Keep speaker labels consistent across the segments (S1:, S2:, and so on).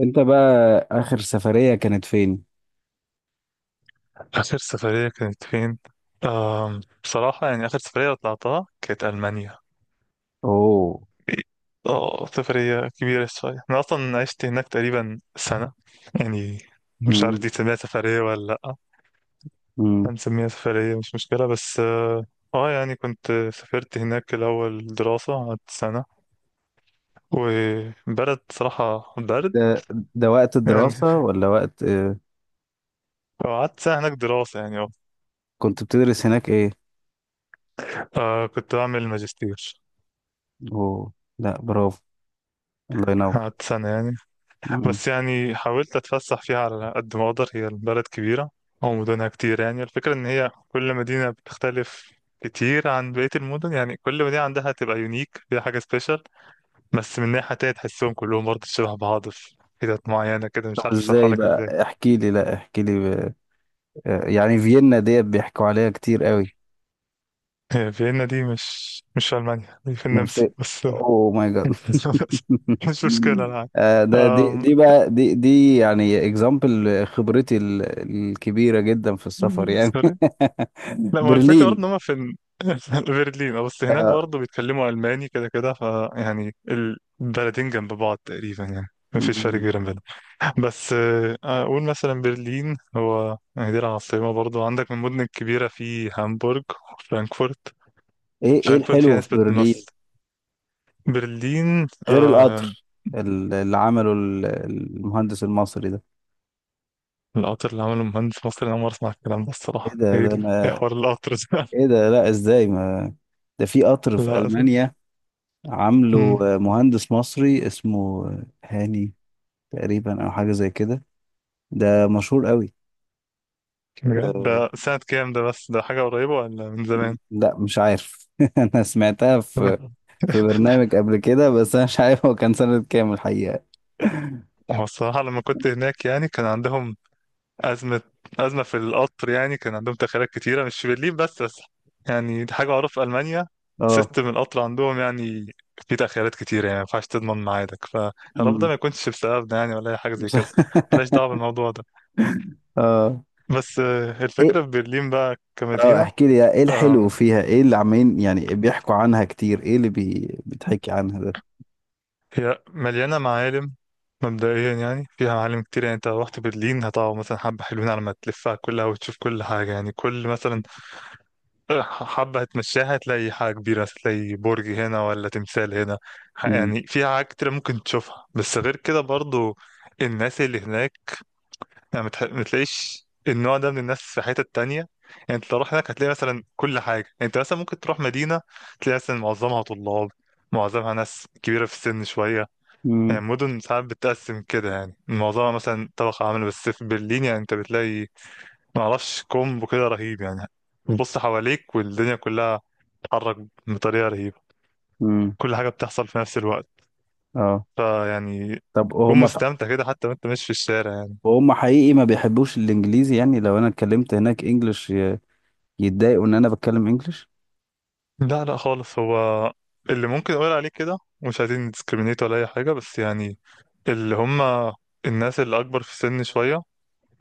S1: انت بقى، اخر سفرية كانت فين؟
S2: آخر سفرية كانت فين؟ بصراحة يعني آخر سفرية طلعتها كانت ألمانيا.
S1: اوه.
S2: اه سفرية كبيرة شوية. أنا أصلا عشت هناك تقريبا سنة، يعني مش عارف
S1: مم.
S2: دي تسميها سفرية ولا. لأ،
S1: مم.
S2: هنسميها سفرية، مش مشكلة. بس اه آه، يعني كنت سافرت هناك الأول دراسة، قعدت سنة، وبلد صراحة برد
S1: ده ده وقت
S2: يعني.
S1: الدراسة ولا وقت،
S2: قعدت سنة هناك دراسة يعني اه
S1: كنت بتدرس هناك ايه؟
S2: آه، كنت بعمل ماجستير،
S1: اوه، لا، برافو. الله ينور.
S2: قعدت سنة يعني.
S1: مم.
S2: بس يعني حاولت اتفسح فيها على قد ما اقدر، هي البلد كبيرة او مدنها كتير. يعني الفكرة ان هي كل مدينة بتختلف كتير عن بقية المدن، يعني كل مدينة عندها تبقى يونيك، فيها حاجة سبيشال، بس من ناحية تانية تحسهم كلهم برضه شبه بعض في حتت معينة كده،
S1: طب،
S2: مش عارف اشرحها
S1: ازاي
S2: لك ازاي.
S1: بقى؟ احكي لي، لا احكي لي يعني فيينا ديت بيحكوا عليها كتير قوي.
S2: هي فيينا دي مش في ألمانيا، دي في
S1: امال
S2: النمسا
S1: فين؟
S2: بس.
S1: اوه ماي جاد.
S2: مش مشكلة، أنا عارف.
S1: ده دي
S2: أم...
S1: دي بقى دي يعني اكزامبل خبرتي الكبيرة جدا في السفر يعني.
S2: سوري. لا، ما هو الفكرة برضه
S1: برلين.
S2: ان هم في ال- في برلين، بس هناك برضه بيتكلموا الماني كده كده، ف يعني البلدين جنب بعض تقريبا يعني، مفيش فرق
S1: آه.
S2: كبير بينهم. بس آه، اقول مثلا برلين هو، يعني دي العاصمة. برضه عندك من المدن الكبيرة في هامبورغ وفرانكفورت.
S1: ايه؟ ايه
S2: فرانكفورت فيها
S1: الحلو في
S2: نسبة نص.
S1: برلين
S2: برلين
S1: غير
S2: آه
S1: القطر اللي عمله المهندس المصري ده؟
S2: القطر اللي عمله مهندس مصري، انا أول مرة اسمع الكلام ده
S1: ايه
S2: الصراحة.
S1: ده
S2: ايه
S1: ده
S2: ال- إيه
S1: انا،
S2: حوار القطر ده؟
S1: ايه ده؟ لا، ازاي؟ ما ده في قطر في
S2: لا، أسف.
S1: ألمانيا، عامله
S2: مم،
S1: مهندس مصري اسمه هاني تقريبا او حاجة زي كده. ده مشهور قوي.
S2: بجد
S1: أه،
S2: ده سنة كام ده؟ بس ده حاجة قريبة ولا من زمان؟
S1: لا مش عارف. انا سمعتها في
S2: تمام.
S1: في برنامج قبل كده، بس انا مش عارف هو كان سنة كام الحقيقة.
S2: هو الصراحة لما كنت هناك يعني كان عندهم أزمة، أزمة في القطر. يعني كان عندهم تأخيرات كتيرة، مش في برلين بس. يعني دي حاجة معروفة في ألمانيا.
S1: اه.
S2: سيستم القطر عندهم يعني فيه تأخيرات كتيرة، يعني ما ينفعش تضمن ميعادك، فيا رب ده
S1: أمم.
S2: ما يكونش بسببنا يعني، ولا أي حاجة زي كده. ملهاش دعوة بالموضوع ده.
S1: اه.
S2: بس آه،
S1: ايه؟
S2: الفكرة في برلين بقى
S1: اه،
S2: كمدينة.
S1: احكي لي ايه الحلو
S2: آم،
S1: فيها، ايه اللي عمالين يعني بيحكوا عنها كتير، ايه اللي بيتحكي عنها ده؟
S2: هي مليانة معالم. مبدئيا يعني فيها معالم كتير. يعني انت لو رحت برلين هتقعد مثلا حبة حلوين على ما تلفها كلها وتشوف كل حاجة. يعني كل مثلا حبة هتمشيها هتلاقي حاجة كبيرة، هتلاقي برج هنا ولا تمثال هنا. ح-
S1: مم.
S2: يعني في حاجات كتير ممكن تشوفها. بس غير كده برضو، الناس اللي هناك يعني متح- متلاقيش النوع ده من الناس في حتة تانية. يعني انت لو رحت هناك هتلاقي مثلا كل حاجة. يعني انت مثلا ممكن تروح مدينة تلاقي مثلا معظمها طلاب، معظمها ناس كبيرة في السن شوية. يعني
S1: مم.
S2: مدن ساعات بتتقسم كده، يعني معظمها مثلا طبقة عاملة. بس في برلين يعني انت بتلاقي معرفش كومبو كده رهيب يعني. بتبص حواليك والدنيا كلها بتتحرك بطريقة رهيبة.
S1: مم.
S2: كل حاجة بتحصل في نفس الوقت،
S1: اه،
S2: فيعني
S1: طب
S2: تكون
S1: وهم
S2: مستمتع كده حتى وانت ماشي في الشارع يعني.
S1: وهم حقيقي ما بيحبوش الانجليزي؟ يعني لو انا اتكلمت هناك انجلش، يتضايقوا ان انا بتكلم انجلش
S2: لا لا خالص. هو اللي ممكن اقول عليه كده، مش عايزين نديسكريمينيت ولا اي حاجة، بس يعني اللي هم الناس اللي اكبر في السن شوية،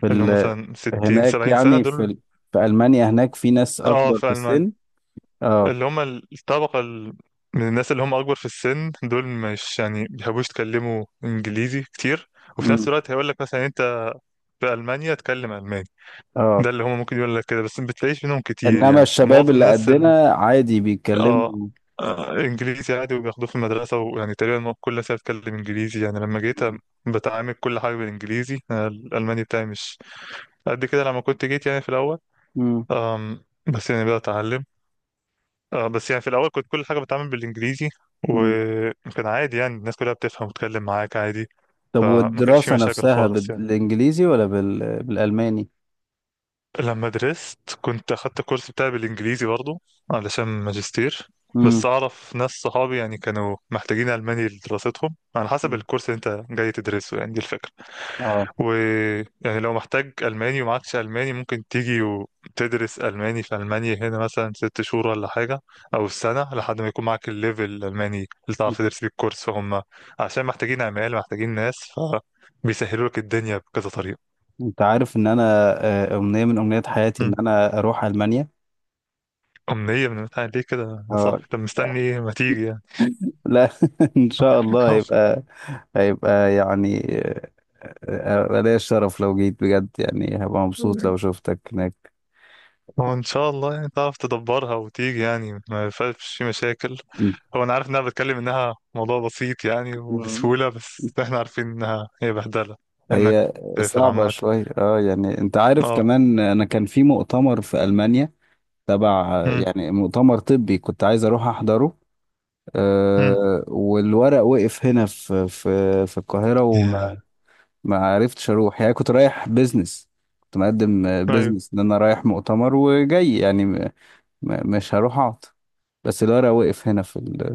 S1: في
S2: اللي هم مثلا 60
S1: هناك،
S2: 70 سنة
S1: يعني في
S2: دول.
S1: في المانيا هناك في ناس
S2: اه،
S1: اكبر في
S2: في ألمانيا
S1: السن؟ اه.
S2: اللي هم الطبقة ال- من الناس اللي هم اكبر في السن دول مش يعني بيحبوش يتكلموا انجليزي كتير. وفي نفس
S1: مم.
S2: الوقت هيقول لك مثلا: انت في ألمانيا، اتكلم ألماني.
S1: اه،
S2: ده اللي هم ممكن يقول لك كده. بس ما بتلاقيش منهم كتير،
S1: انما
S2: يعني
S1: الشباب
S2: معظم
S1: اللي
S2: الناس ال...
S1: قدنا عادي
S2: اه،
S1: بيتكلموا؟
S2: انجليزي عادي، وبياخدوه في المدرسه، ويعني تقريبا كل سنه بتكلم انجليزي. يعني لما جيت أ- بتعامل كل حاجه بالانجليزي. أنا الالماني بتاعي مش قد كده لما كنت جيت يعني في الاول.
S1: مم.
S2: بس يعني بدات اتعلم. بس يعني في الاول كنت كل حاجه بتعامل بالانجليزي،
S1: مم.
S2: وكان عادي يعني الناس كلها بتفهم وتتكلم معاك عادي.
S1: طب
S2: فما كانش في
S1: والدراسة
S2: مشاكل
S1: نفسها
S2: خالص يعني.
S1: بالإنجليزي ولا بالألماني؟
S2: لما درست كنت اخدت الكورس بتاعي بالانجليزي برضو، علشان ماجستير.
S1: امم.
S2: بس اعرف ناس صحابي يعني كانوا محتاجين الماني لدراستهم، على حسب الكورس اللي انت جاي تدرسه، يعني دي الفكره.
S1: اه،
S2: ويعني لو محتاج الماني ومعكش الماني، ممكن تيجي وتدرس الماني في المانيا هنا مثلا 6 شهور ولا حاجه، او سنه لحد ما يكون معاك الليفل الالماني اللي تعرف تدرس بيه الكورس. فهم عشان محتاجين، عمال محتاجين ناس، فبيسهلوا لك الدنيا بكذا طريقه.
S1: انت عارف ان انا، امنيه من امنيات حياتي ان انا اروح المانيا.
S2: أمنية من بتاع؟ ليه كده يا
S1: اه.
S2: صاحبي؟ طب مستني إيه؟ ما تيجي يعني.
S1: لا. ان شاء الله هيبقى، يعني، ليا الشرف لو جيت بجد، يعني هبقى مبسوط لو شفتك هناك.
S2: هو إن شاء الله يعني تعرف تدبرها وتيجي، يعني ما فيهاش في مشاكل. هو أنا عارف إنها بتكلم إنها موضوع بسيط يعني
S1: مم.
S2: وبسهولة، بس إحنا عارفين إنها هي بهدلة إنك
S1: هي
S2: تسافر
S1: صعبة
S2: عامة.
S1: شوية، اه، يعني انت عارف
S2: أه.
S1: كمان انا كان في مؤتمر في المانيا تبع،
S2: أمم،
S1: يعني مؤتمر طبي، كنت عايز اروح احضره.
S2: أمم.
S1: أه، والورق وقف هنا في القاهرة،
S2: يا
S1: وما ما عرفتش أروح، يعني كنت رايح بيزنس، كنت مقدم
S2: أيوه،
S1: بيزنس إن أنا رايح مؤتمر وجاي، يعني مش هروح أقعد، بس الورق وقف هنا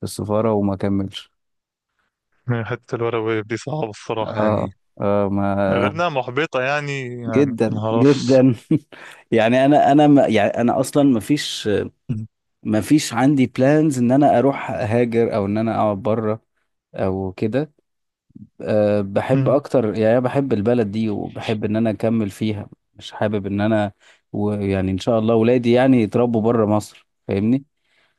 S1: في السفارة وما كملش.
S2: من حتة الورق واليد دي صعبة الصراحة يعني،
S1: اه، اه، ما
S2: غير إنها محبطة يعني. يعني ما
S1: جدا
S2: أعرفش.
S1: جدا. يعني انا، ما يعني انا اصلا ما فيش
S2: أمم،
S1: ما فيش عندي بلانز ان انا اروح هاجر او ان انا اقعد بره او كده. أه، بحب
S2: أمم.
S1: اكتر، يعني بحب البلد دي وبحب ان انا اكمل فيها، مش حابب ان انا ويعني ان شاء الله ولادي يعني يتربوا بره مصر، فاهمني؟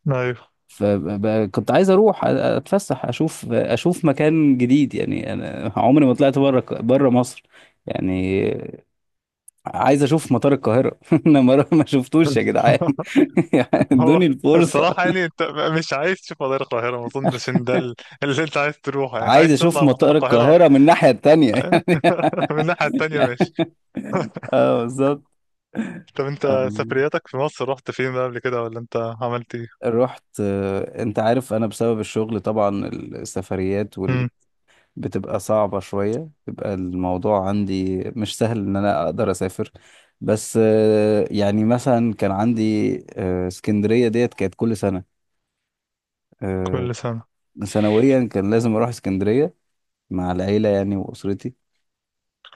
S2: أيوه.
S1: فكنت عايز اروح، اتفسح، اشوف، مكان جديد، يعني انا عمري ما طلعت بره مصر يعني، عايز اشوف مطار القاهرة. انا ما شفتوش يا جدعان. يعني
S2: هو
S1: ادوني الفرصة،
S2: الصراحة يعني انت مش عايز تشوف مطار القاهرة. ما اظنش ان ده ال- اللي انت عايز تروحه. يعني انت
S1: عايز
S2: عايز
S1: اشوف
S2: تطلع مطار
S1: مطار
S2: القاهرة.
S1: القاهرة من الناحية التانية.
S2: من الناحية التانية،
S1: يعني،
S2: ماشي.
S1: اه،
S2: طب انت
S1: بالظبط.
S2: سفرياتك في مصر، رحت فين بقى قبل كده ولا انت عملت ايه؟
S1: رحت، انت عارف انا بسبب الشغل طبعا السفريات
S2: مم.
S1: بتبقى صعبة شوية، بيبقى الموضوع عندي مش سهل ان انا اقدر اسافر. بس يعني مثلا كان عندي، اسكندرية ديت كانت كل سنة، آه،
S2: كل سنة.
S1: سنويا كان لازم اروح اسكندرية مع العيلة يعني، واسرتي.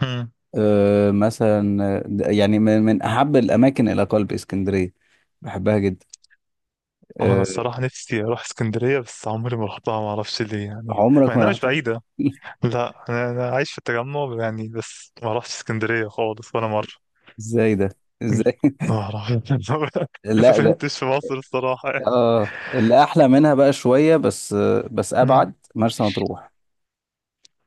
S2: مم.
S1: مثلا، يعني من احب الاماكن الى قلبي اسكندرية، بحبها جدا.
S2: هو انا
S1: آه،
S2: الصراحة نفسي اروح اسكندرية، بس عمري ما رحتها، ما اعرفش ليه يعني، مع
S1: عمرك ما
S2: انها مش
S1: رحتها؟
S2: بعيدة. لا، أنا عايش في التجمع يعني، بس ما رحتش اسكندرية خالص ولا مرة.
S1: ازاي ده؟ ازاي؟
S2: ما اعرف. ما
S1: لا، ده
S2: سافرتش في مصر الصراحة.
S1: اه اللي احلى منها بقى شويه، بس
S2: مم.
S1: ابعد مرسى مطروح.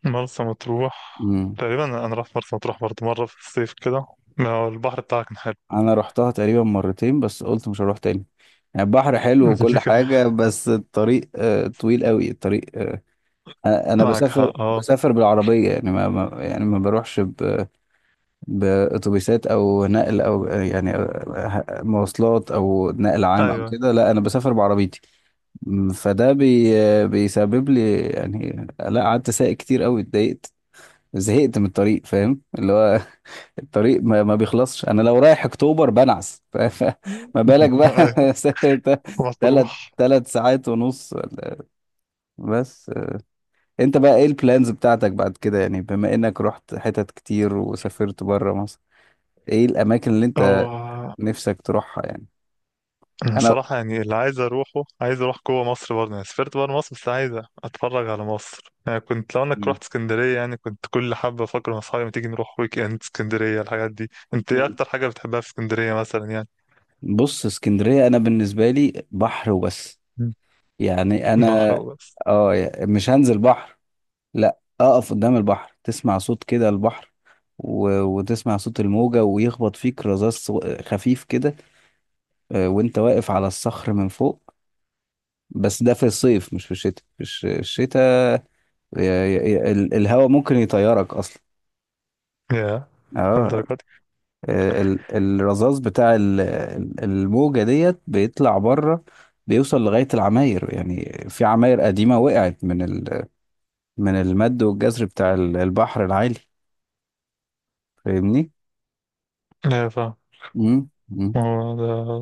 S2: مرسى مطروح.
S1: امم.
S2: تقريبا انا رحت مرسى مطروح برضه مره في الصيف كده. ما هو البحر بتاعها كان حلو.
S1: انا رحتها تقريبا مرتين، بس قلت مش هروح تاني. يعني البحر حلو وكل
S2: دي كده،
S1: حاجه، بس الطريق طويل قوي الطريق، انا
S2: معك
S1: بسافر
S2: حق اه.
S1: بسافر بالعربيه، يعني يعني ما بروحش باتوبيسات او نقل، او يعني، مواصلات او نقل عام او
S2: ايوه.
S1: كده. لا، انا بسافر بعربيتي. فده بيسبب لي، يعني لا قعدت سايق كتير قوي، اتضايقت زهقت من الطريق، فاهم اللي هو. الطريق ما بيخلصش. انا لو رايح اكتوبر بنعس، ما بالك
S2: ايوه.
S1: بقى؟ ثلاث
S2: مطروح.
S1: 3 ساعات ونص بس. انت بقى، ايه البلانز بتاعتك بعد كده؟ يعني بما انك رحت حتت كتير وسافرت بره مصر، ايه الاماكن اللي انت
S2: هو
S1: نفسك تروحها يعني؟
S2: انا
S1: انا.
S2: صراحه يعني اللي عايز اروحه، عايز اروح جوه مصر برضه. يعني سافرت بره مصر بس عايز اتفرج على مصر. يعني كنت لو انك
S1: مم.
S2: رحت اسكندريه، يعني كنت كل حبه افكر مع اصحابي: ما تيجي نروح ويك اند اسكندريه الحاجات دي. انت ايه
S1: مم.
S2: اكتر حاجه بتحبها في اسكندريه مثلا يعني؟
S1: بص، اسكندرية انا بالنسبة لي بحر وبس يعني.
S2: بحر
S1: انا،
S2: وبس؟
S1: اه، مش هنزل بحر، لا، اقف قدام البحر، تسمع صوت كده البحر، وتسمع صوت الموجة ويخبط فيك رذاذ خفيف كده، وانت واقف على الصخر من فوق. بس ده في الصيف مش في الشتاء، في الشتاء الهواء ممكن يطيرك اصلا.
S2: يا
S1: اه.
S2: للدرجه
S1: الرذاذ بتاع الموجة ديت بيطلع بره، بيوصل لغاية العماير، يعني في عماير قديمة وقعت من المد والجزر بتاع البحر العالي. فاهمني؟
S2: دي؟
S1: مم. مم.
S2: ما هو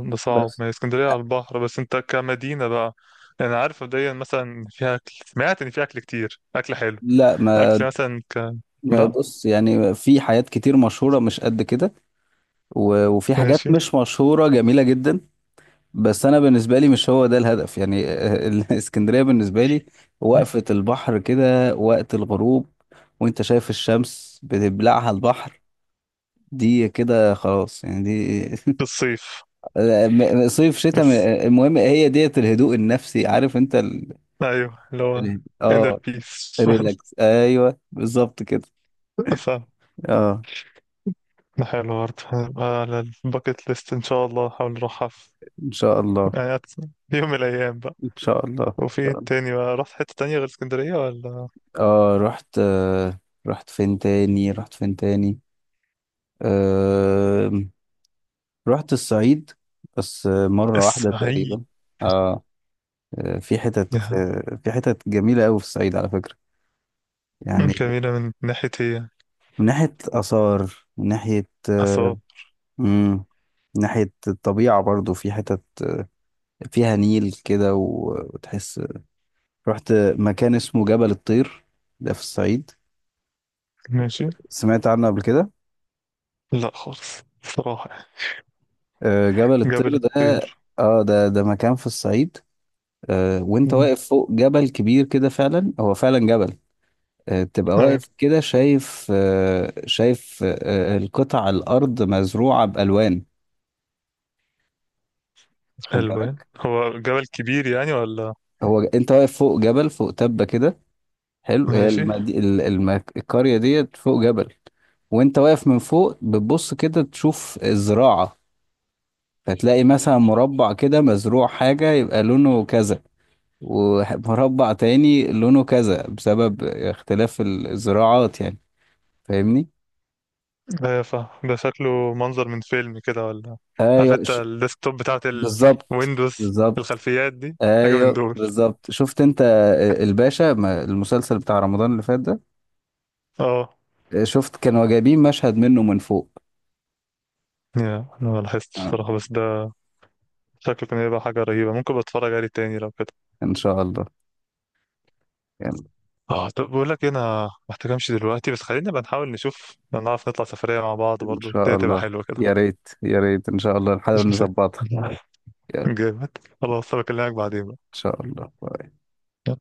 S2: ده صعب.
S1: بس،
S2: ما هي اسكندرية على البحر، بس انت كمدينة بقى، يعني عارف مبدئيا مثلا إن فيها أكل، سمعت إن فيها أكل كتير، أكل حلو،
S1: لا، ما
S2: أكل مثلا ك...
S1: ما
S2: لا،
S1: بص يعني في حاجات كتير مشهورة مش قد كده، وفي حاجات
S2: ماشي.
S1: مش مشهورة جميلة جدا، بس أنا بالنسبة لي مش هو ده الهدف يعني. الإسكندرية بالنسبة لي وقفة البحر كده وقت الغروب، وأنت شايف الشمس بتبلعها البحر، دي كده خلاص يعني دي.
S2: في الصيف
S1: صيف شتاء،
S2: بس.
S1: المهم هي ديت الهدوء النفسي، عارف أنت
S2: أيوه اللي هو
S1: ال-
S2: inner
S1: اه
S2: peace.
S1: ريلاكس. أيوه، بالظبط كده.
S2: فاهم.
S1: اه.
S2: ده حلو برضه. هنبقى على الباكت ليست إن شاء الله. هحاول أروحها في
S1: إن شاء الله،
S2: يعني أت- في يوم من الأيام بقى.
S1: ان شاء الله، ان
S2: وفي
S1: شاء
S2: إيه
S1: الله.
S2: تاني بقى، رحت حتة تانية غير اسكندرية ولا؟
S1: اه، رحت. آه. رحت فين تاني، آه رحت الصعيد، بس مرة واحدة
S2: الصعيد.
S1: تقريبا. اه.
S2: يا.
S1: في حتت جميلة أوي في الصعيد على فكرة يعني.
S2: جميلة من ناحية إيه؟
S1: من ناحية آثار،
S2: أسوان.
S1: مم، من ناحية الطبيعة برضو، في حتت فيها نيل كده، وتحس. رحت مكان اسمه جبل الطير، ده في الصعيد،
S2: ماشي.
S1: سمعت عنه قبل كده؟
S2: لا خالص صراحة يعني.
S1: جبل
S2: جبل
S1: الطير ده،
S2: الطير.
S1: اه، ده مكان في الصعيد. وانت
S2: مم.
S1: واقف فوق جبل كبير كده، فعلا هو فعلا جبل. تبقى
S2: أيوة.
S1: واقف كده، شايف القطع الارض مزروعه بالوان، خد
S2: ألوان،
S1: بالك.
S2: هو جبل كبير يعني ولا؟
S1: هو انت واقف فوق جبل، فوق تبه كده حلو، هي
S2: ماشي.
S1: القريه ديت فوق جبل، وانت واقف من فوق بتبص كده تشوف الزراعه، فتلاقي مثلا مربع كده مزروع حاجه يبقى لونه كذا، ومربع تاني لونه كذا بسبب اختلاف الزراعات يعني، فاهمني؟
S2: أيوة فاهم. ده شكله منظر من فيلم كده ولا؟ عارف
S1: ايوه،
S2: انت الديسكتوب بتاعت
S1: بالظبط،
S2: الويندوز،
S1: بالظبط.
S2: الخلفيات دي. حاجة من
S1: ايوه
S2: دول.
S1: بالظبط، شفت انت، الباشا، المسلسل بتاع رمضان اللي فات ده،
S2: اه.
S1: شفت كانوا جايبين مشهد منه من فوق.
S2: يا، أنا ما لاحظتش
S1: اه،
S2: بصراحة، بس ده شكله كان هيبقى حاجة رهيبة. ممكن بتفرج عليه تاني لو كده.
S1: ان شاء الله يعني.
S2: اه، طب بقول لك إيه، أنا محتاج أمشي دلوقتي. بس خلينا بقى نحاول نشوف لو نعرف نطلع سفرية مع بعض
S1: ان
S2: برضه، دي
S1: شاء
S2: هتبقى
S1: الله.
S2: حلوة كده.
S1: يا ريت يا ريت، ان شاء الله نحاول
S2: مش مشاكل.
S1: نظبطها. يلا، ان
S2: جامد. خلاص، بكلمك بعدين.
S1: شاء الله.
S2: يلا.